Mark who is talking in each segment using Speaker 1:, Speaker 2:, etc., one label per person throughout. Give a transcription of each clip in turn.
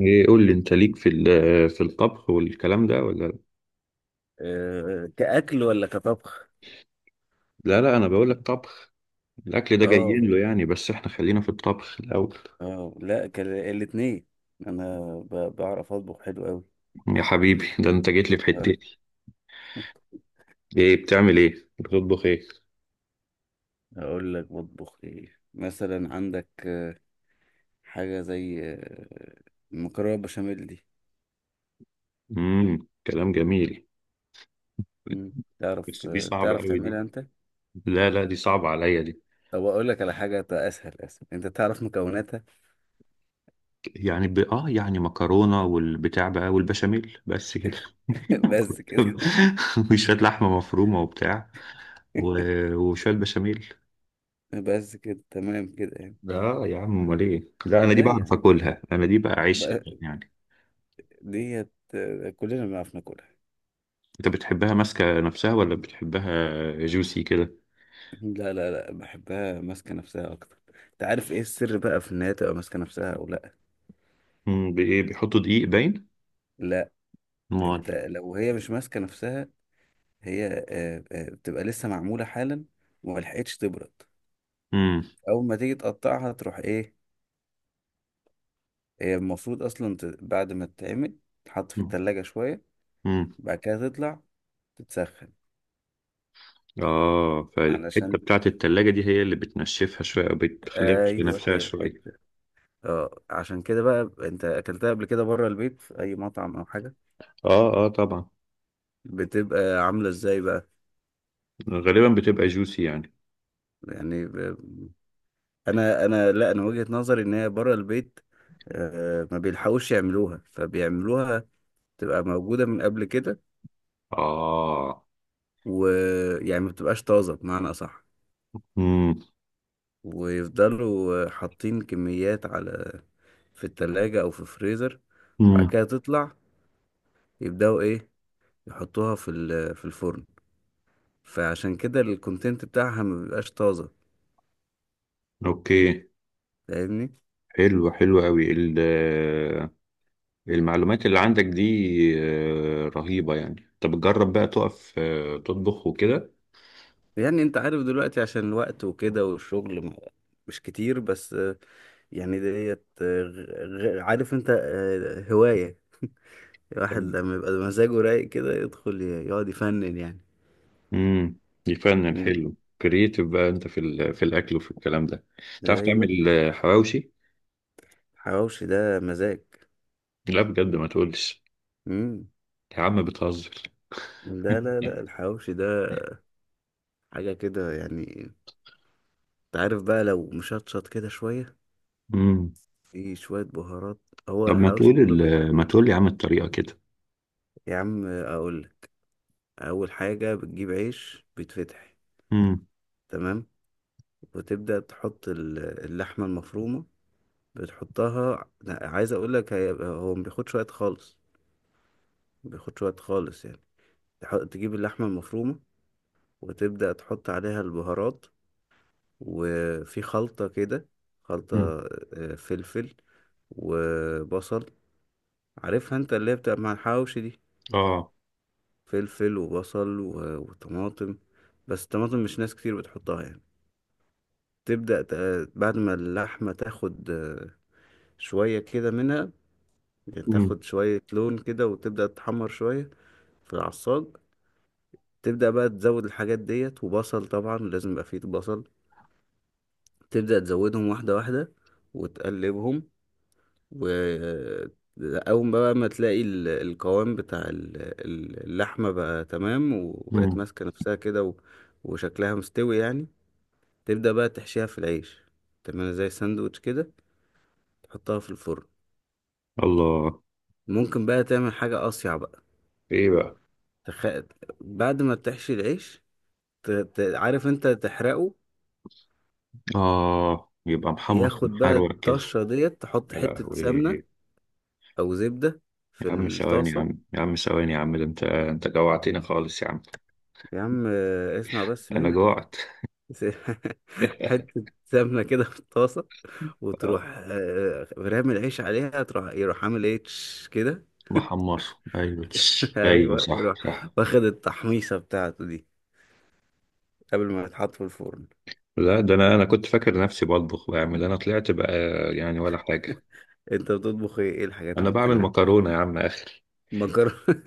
Speaker 1: ايه، قول لي انت ليك في في الطبخ والكلام ده ولا؟
Speaker 2: آه، كأكل ولا كطبخ؟
Speaker 1: لا لا، انا بقول لك طبخ. الاكل ده
Speaker 2: اه
Speaker 1: جايين له يعني، بس احنا خلينا في الطبخ الاول.
Speaker 2: اه، لا كان الاتنين. انا بعرف اطبخ حلو قوي.
Speaker 1: يا حبيبي، ده انت جيت لي في
Speaker 2: آه،
Speaker 1: حتتي. ايه بتعمل؟ ايه بتطبخ؟ ايه؟
Speaker 2: اقول لك بطبخ ايه. مثلا عندك حاجه زي المكرونه بشاميل دي.
Speaker 1: كلام جميل.
Speaker 2: مم.
Speaker 1: بس
Speaker 2: تعرف،
Speaker 1: دي صعبة
Speaker 2: تعرف
Speaker 1: قوي دي.
Speaker 2: تعملها انت؟
Speaker 1: لا لا، دي صعبة عليا دي.
Speaker 2: طب اقول لك على حاجه اسهل. اسهل انت تعرف مكوناتها.
Speaker 1: يعني ب... اه يعني مكرونة والبتاع بقى والبشاميل، بس كده.
Speaker 2: بس كده.
Speaker 1: وشوية لحمة مفرومة وبتاع و... وشوية بشاميل.
Speaker 2: بس كده، تمام كده يعني.
Speaker 1: اه يا عم، امال ايه؟ لا انا دي
Speaker 2: لا يا
Speaker 1: بعرف
Speaker 2: عم،
Speaker 1: اكلها، انا دي بقى عيش
Speaker 2: بقى-
Speaker 1: يعني.
Speaker 2: ديت كلنا بنعرف ناكلها.
Speaker 1: انت بتحبها ماسكه نفسها ولا بتحبها جوسي كده؟
Speaker 2: لا لا لا، بحبها ماسكة نفسها أكتر. أنت عارف إيه السر بقى في إن هي تبقى ماسكة نفسها أو لأ؟
Speaker 1: بايه؟ بيحطوا دقيق باين؟
Speaker 2: لا.
Speaker 1: امال.
Speaker 2: أنت لو هي مش ماسكة نفسها، هي بتبقى لسه معمولة حالا وملحقتش تبرد.
Speaker 1: امم.
Speaker 2: أول ما تيجي تقطعها تروح إيه. هي المفروض أصلا بعد ما تتعمل تتحط في التلاجة شوية،
Speaker 1: امم.
Speaker 2: بعد كده تطلع تتسخن.
Speaker 1: اه فالحته
Speaker 2: علشان،
Speaker 1: بتاعت التلاجة دي هي اللي بتنشفها شويه او بتخليها في
Speaker 2: أيوه
Speaker 1: نفسها
Speaker 2: هي
Speaker 1: شويه.
Speaker 2: الحتة. أه عشان كده بقى، أنت أكلتها قبل كده بره البيت في أي مطعم أو حاجة،
Speaker 1: اه اه طبعا.
Speaker 2: بتبقى عاملة إزاي بقى؟
Speaker 1: غالبا بتبقى جوسي يعني.
Speaker 2: يعني انا، لا انا وجهة نظري ان هي بره البيت، ما بيلحقوش يعملوها فبيعملوها تبقى موجودة من قبل كده،
Speaker 1: اه.
Speaker 2: ويعني ما بتبقاش طازة بمعنى أصح.
Speaker 1: امم.
Speaker 2: ويفضلوا حاطين كميات على، في التلاجة أو في الفريزر، بعد
Speaker 1: امم.
Speaker 2: كده تطلع يبدأوا إيه يحطوها في في الفرن. فعشان كده الكونتنت بتاعها ما بيبقاش طازة.
Speaker 1: اوكي.
Speaker 2: فاهمني؟
Speaker 1: حلو، حلو قوي المعلومات اللي عندك دي رهيبة يعني. طب جرب بقى تقف تطبخ وكده.
Speaker 2: يعني انت عارف دلوقتي عشان الوقت وكده والشغل مش كتير، بس يعني ديت عارف انت هواية
Speaker 1: طب.
Speaker 2: الواحد لما يبقى مزاجه رايق كده يدخل يقعد يفنن يعني.
Speaker 1: امم. يفنن،
Speaker 2: مم.
Speaker 1: حلو. كرييتيف بقى انت في في الاكل وفي الكلام ده. تعرف
Speaker 2: ايوه،
Speaker 1: تعمل حواوشي؟
Speaker 2: الحواوشي ده مزاج.
Speaker 1: لا بجد، ما تقولش.
Speaker 2: امم.
Speaker 1: يا عم بتهزر.
Speaker 2: لا لا لا، الحواوشي ده حاجة كده يعني. انت عارف بقى لو مشطشط كده شوية،
Speaker 1: امم.
Speaker 2: في شوية بهارات، هو
Speaker 1: طب ما
Speaker 2: الحواوشي
Speaker 1: تقول
Speaker 2: كله كده.
Speaker 1: يا عم الطريقة كده.
Speaker 2: يا عم اقول لك. اول حاجة بتجيب عيش بيتفتح،
Speaker 1: امم.
Speaker 2: تمام، وتبدأ تحط اللحمة المفرومة. بتحطها لا، عايز اقول لك هو ما بياخدش وقت خالص. ما بياخدش وقت خالص يعني. تجيب اللحمة المفرومة وتبدأ تحط عليها البهارات، وفي خلطة كده، خلطة
Speaker 1: امم.
Speaker 2: فلفل وبصل، عارفها انت اللي هي بتبقى مع الحواوشي دي،
Speaker 1: اه.
Speaker 2: فلفل وبصل وطماطم. بس الطماطم مش ناس كتير بتحطها يعني. تبدأ بعد ما اللحمة تاخد شوية كده منها، يعني
Speaker 1: امم.
Speaker 2: تاخد شوية لون كده وتبدأ تحمر شوية في العصاج. تبدأ بقى تزود الحاجات ديت، وبصل طبعا لازم يبقى فيه بصل، تبدأ تزودهم واحدة واحدة وتقلبهم، و أول بقى ما تلاقي القوام بتاع اللحمة بقى تمام وبقت
Speaker 1: امم.
Speaker 2: ماسكة نفسها كده وشكلها مستوي يعني، تبدأ بقى تحشيها في العيش، تعملها زي ساندوتش كده، تحطها في الفرن.
Speaker 1: الله.
Speaker 2: ممكن بقى تعمل حاجة أصيع بقى.
Speaker 1: ايه بقى؟
Speaker 2: تخ... بعد ما بتحشي العيش، عارف انت تحرقه.
Speaker 1: اه يبقى محمص
Speaker 2: ياخد بقى
Speaker 1: ومحروق كده.
Speaker 2: الطشة ديت، تحط
Speaker 1: يا
Speaker 2: حتة سمنة
Speaker 1: لهوي.
Speaker 2: او زبدة في
Speaker 1: يا عم ثواني، يا
Speaker 2: الطاسة.
Speaker 1: عم، يا عم ثواني يا عم، ده انت جوعتني خالص يا عم.
Speaker 2: يا عم اسمع بس
Speaker 1: انا
Speaker 2: مني.
Speaker 1: جوعت.
Speaker 2: حتة سمنة كده في الطاسة، وتروح
Speaker 1: آه.
Speaker 2: رامي العيش عليها، تروح يروح عامل ايه تش كده.
Speaker 1: محمص. ايوه. ايوه،
Speaker 2: ايوه،
Speaker 1: صح
Speaker 2: يروح
Speaker 1: صح.
Speaker 2: واخد التحميصة بتاعته دي قبل ما يتحط في الفرن.
Speaker 1: لا ده انا كنت فاكر نفسي بطبخ بعمل، انا طلعت بقى يعني ولا حاجه.
Speaker 2: انت بتطبخ ايه؟ ايه الحاجات
Speaker 1: انا
Speaker 2: اللي
Speaker 1: بعمل
Speaker 2: بتعملها؟
Speaker 1: مكرونه يا عم اخر.
Speaker 2: مكرونة؟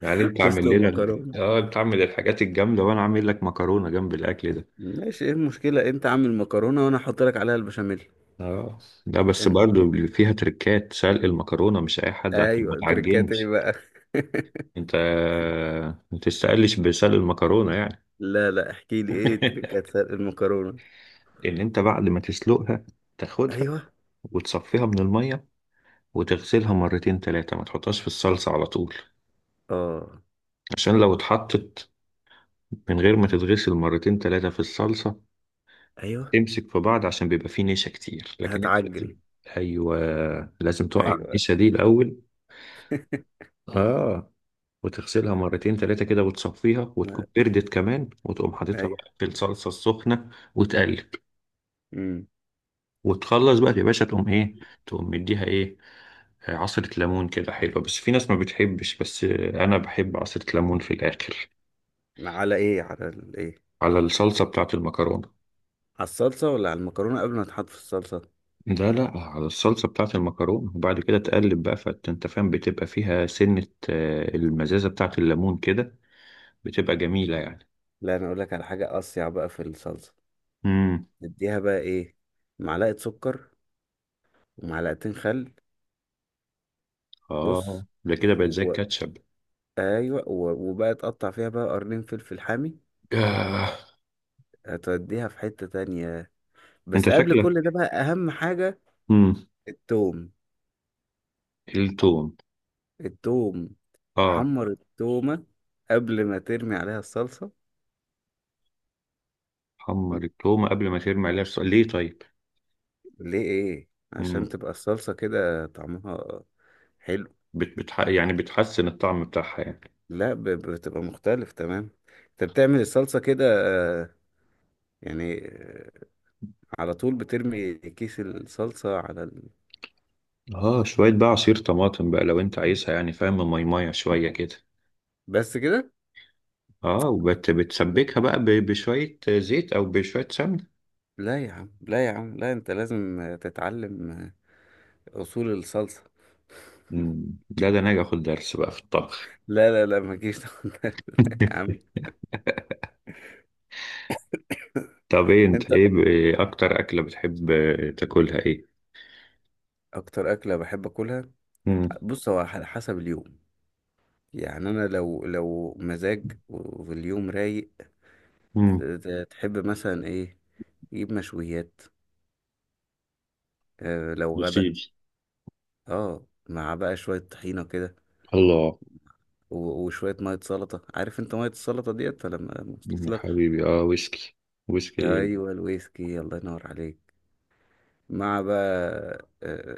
Speaker 1: يعني انت عامل
Speaker 2: تسلق
Speaker 1: لنا ال-
Speaker 2: مكرونة.
Speaker 1: اه انت عامل الحاجات الجامده، وانا عامل لك مكرونه جنب الاكل ده.
Speaker 2: ماشي، ايه المشكلة؟ انت عامل مكرونة وانا احط لك عليها البشاميل.
Speaker 1: اه. لا بس
Speaker 2: انت؟
Speaker 1: برضو فيها تركات، سلق المكرونه مش اي حد، عشان ما
Speaker 2: ايوه، تركات ايه
Speaker 1: تعجنش.
Speaker 2: بقى؟
Speaker 1: انت ما تستقلش بسلق المكرونه يعني.
Speaker 2: لا لا، احكي لي ايه تركات سلق المكرونة.
Speaker 1: ان انت بعد ما تسلقها، تاخدها
Speaker 2: ايوه.
Speaker 1: وتصفيها من المية وتغسلها مرتين تلاتة، ما تحطهاش في الصلصة على طول.
Speaker 2: اه.
Speaker 1: عشان لو اتحطت من غير ما تتغسل مرتين تلاتة في الصلصة،
Speaker 2: ايوه.
Speaker 1: تمسك في بعض، عشان بيبقى فيه نشا كتير، لكن انت لازم.
Speaker 2: هتعجن.
Speaker 1: ايوه، لازم توقع
Speaker 2: ايوه.
Speaker 1: النشا دي الاول. اه، وتغسلها مرتين تلاتة كده وتصفيها، وتكون
Speaker 2: ما-
Speaker 1: بردت كمان، وتقوم حاططها
Speaker 2: ايوه.
Speaker 1: بقى في الصلصة السخنة وتقلب.
Speaker 2: امم.
Speaker 1: وتخلص بقى يا باشا. تقوم ايه؟ تقوم مديها ايه؟ عصرة ليمون كده حلوة. بس في ناس ما بتحبش، بس أنا بحب عصرة ليمون في الآخر.
Speaker 2: على ايه؟ على الايه؟
Speaker 1: على الصلصة بتاعة المكرونة.
Speaker 2: على الصلصة ولا على المكرونة قبل ما تحط في الصلصة؟
Speaker 1: لا لا، على الصلصة بتاعة المكرونة، وبعد كده تقلب بقى. فأنت فاهم بتبقى فيها سنة المزازة بتاعة الليمون كده. بتبقى جميلة يعني.
Speaker 2: لا انا اقول لك على حاجة اصيع بقى في الصلصة.
Speaker 1: امم.
Speaker 2: اديها بقى ايه، معلقة سكر ومعلقتين خل. بص.
Speaker 1: اه، ده كده بقت زي
Speaker 2: و...
Speaker 1: الكاتشب.
Speaker 2: ايوه. وبقى تقطع فيها بقى قرنين فلفل حامي.
Speaker 1: آه.
Speaker 2: هتوديها في حتة تانية.
Speaker 1: انت
Speaker 2: بس قبل كل ده
Speaker 1: شكلك.
Speaker 2: بقى أهم حاجة،
Speaker 1: امم.
Speaker 2: التوم.
Speaker 1: التوم.
Speaker 2: التوم.
Speaker 1: اه.
Speaker 2: تحمر التومة قبل ما ترمي عليها الصلصة.
Speaker 1: حمر التومة قبل ما ترمي عليها ليه طيب؟
Speaker 2: ليه إيه؟ عشان
Speaker 1: امم.
Speaker 2: تبقى الصلصة كده طعمها حلو.
Speaker 1: يعني بتحسن الطعم بتاعها يعني.
Speaker 2: لا، بتبقى مختلف تمام. أنت بتعمل الصلصة كده، آه، يعني آه، على طول بترمي كيس الصلصة على ال...
Speaker 1: اه شوية بقى عصير طماطم بقى، لو انت عايزها يعني، فاهم؟ ميمية شوية كده.
Speaker 2: بس كده؟
Speaker 1: اه، وبت
Speaker 2: لا
Speaker 1: بتسبكها بقى بشوية زيت او بشوية سمنة.
Speaker 2: لا يا عم، لا يا عم، لا أنت لازم تتعلم أصول الصلصة.
Speaker 1: مم. لا ده انا هاجي اخد درس بقى في الطبخ.
Speaker 2: لا لا لا، ما تجيش تاخد ده. يا عم،
Speaker 1: طب ايه انت؟
Speaker 2: انت.
Speaker 1: ايه إيه اكتر اكلة بتحب تاكلها؟ ايه؟
Speaker 2: اكتر اكله بحب اكلها؟
Speaker 1: امم.
Speaker 2: بص، هو على حسب اليوم. يعني انا لو، لو مزاج واليوم رايق،
Speaker 1: امم.
Speaker 2: تحب مثلا ايه، يجيب مشويات. اه لو
Speaker 1: يا
Speaker 2: غدا،
Speaker 1: سيدي.
Speaker 2: اه، مع بقى شويه طحينه كده
Speaker 1: الله.
Speaker 2: وشويه ميه سلطه. عارف انت ميه السلطه ديت ولا ما
Speaker 1: مم، يا
Speaker 2: وصلتلكش؟
Speaker 1: حبيبي. اه، ويسكي. ويسكي.
Speaker 2: ايوه الويسكي، الله ينور عليك. مع بقى، اه،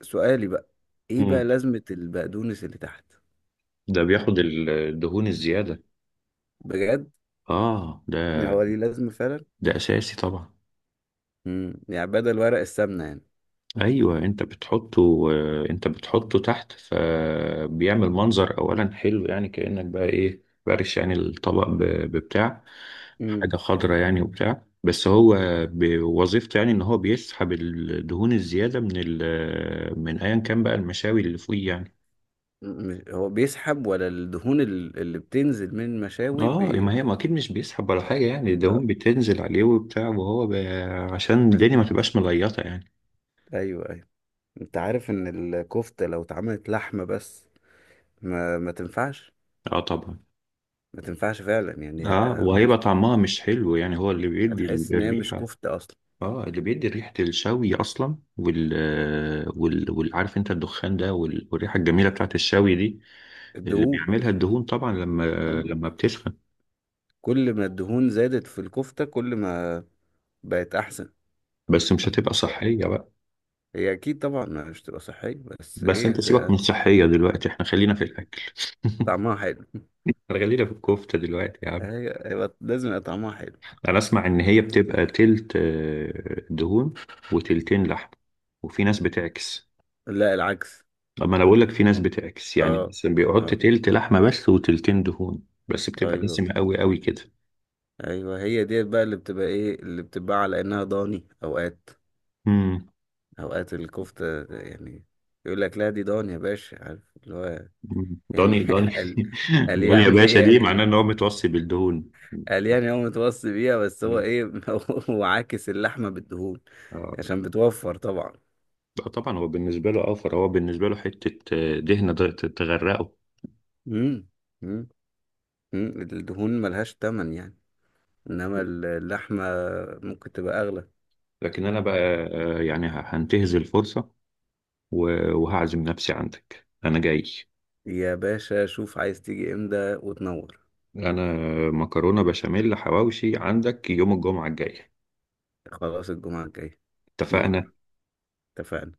Speaker 2: سؤالي بقى، ايه بقى
Speaker 1: امم.
Speaker 2: لازمه البقدونس اللي تحت؟
Speaker 1: ده بياخد الدهون الزيادة.
Speaker 2: بجد؟
Speaker 1: اه ده.
Speaker 2: هو ليه لازمة فعلا؟
Speaker 1: ده اساسي طبعا.
Speaker 2: امم، يعني بدل ورق السمنة يعني.
Speaker 1: ايوه، انت بتحطه تحت، فبيعمل منظر اولا حلو يعني، كأنك بقى ايه بارش يعني الطبق ببتاع،
Speaker 2: امم.
Speaker 1: حاجة خضرة يعني وبتاع. بس هو بوظيفته يعني، ان هو بيسحب الدهون الزيادة من ال من ايا كان بقى المشاوي اللي فوقيه يعني.
Speaker 2: مم. هو بيسحب ولا الدهون اللي بتنزل من المشاوي
Speaker 1: اه، ما هي ما اكيد مش بيسحب ولا حاجة يعني،
Speaker 2: آه.
Speaker 1: الدهون بتنزل عليه وبتاع، وهو عشان الدنيا ما تبقاش مليطة يعني.
Speaker 2: ايوه ايوه. انت عارف ان الكفتة لو اتعملت لحمة بس، ما تنفعش.
Speaker 1: اه طبعا.
Speaker 2: ما تنفعش فعلا يعني،
Speaker 1: اه وهيبقى طعمها
Speaker 2: مش...
Speaker 1: مش حلو يعني، هو اللي بيدي
Speaker 2: هتحس ان هي مش
Speaker 1: الريحة.
Speaker 2: كفتة اصلا.
Speaker 1: اه اللي بيدي ريحة الشوي أصلا، والعارف أنت الدخان ده والريحة الجميلة بتاعت الشوي دي. اللي
Speaker 2: الدهون.
Speaker 1: بيعملها الدهون طبعا لما
Speaker 2: مم.
Speaker 1: لما بتسخن.
Speaker 2: كل ما الدهون زادت في الكفتة كل ما بقت احسن.
Speaker 1: بس مش هتبقى صحية بقى.
Speaker 2: هي اكيد طبعا مش تبقى صحية، بس
Speaker 1: بس
Speaker 2: ايه
Speaker 1: أنت
Speaker 2: هت...
Speaker 1: سيبك من الصحية دلوقتي، إحنا خلينا في الأكل.
Speaker 2: طعمها حلو.
Speaker 1: احنا خلينا في الكفتة دلوقتي يا عم.
Speaker 2: هي هيبقى لازم يبقى طعمها حلو.
Speaker 1: أنا أسمع إن هي بتبقى تلت دهون وتلتين لحم، وفي ناس بتعكس.
Speaker 2: لا العكس.
Speaker 1: أما أنا بقول لك في ناس بتعكس، يعني
Speaker 2: اه.
Speaker 1: مثلا بيحط
Speaker 2: اه.
Speaker 1: تلت لحمة بس وتلتين دهون، بس بتبقى
Speaker 2: ايوه.
Speaker 1: دسمة قوي قوي كده.
Speaker 2: ايوه، هي ديت بقى اللي بتبقى ايه، اللي بتبقى على انها ضاني اوقات.
Speaker 1: امم.
Speaker 2: اوقات الكفته يعني، يقول لك لا دي ضاني يا باشا، عارف اللي هو يعني.
Speaker 1: دوني دوني.
Speaker 2: قال. قال
Speaker 1: دوني يا
Speaker 2: يعني
Speaker 1: باشا،
Speaker 2: هي
Speaker 1: دي معناه
Speaker 2: يعني،
Speaker 1: ان هو متوصي بالدهون.
Speaker 2: قال يعني هو متوصي بيها، بس هو
Speaker 1: مم.
Speaker 2: ايه. هو عاكس اللحمه بالدهون
Speaker 1: اه.
Speaker 2: عشان بتوفر طبعا.
Speaker 1: لا طبعا هو بالنسبه له اوفر، هو بالنسبه له حته دهنه تغرقه.
Speaker 2: امم. امم. الدهون ملهاش تمن يعني، انما اللحمه ممكن تبقى اغلى.
Speaker 1: لكن انا بقى يعني هنتهز الفرصه وهعزم نفسي عندك، انا جاي.
Speaker 2: يا باشا شوف عايز تيجي امتى وتنور.
Speaker 1: انا مكرونه بشاميل حواوشي عندك يوم الجمعه الجايه.
Speaker 2: خلاص، الجمعة الجاية.
Speaker 1: اتفقنا.
Speaker 2: تنور. اتفقنا.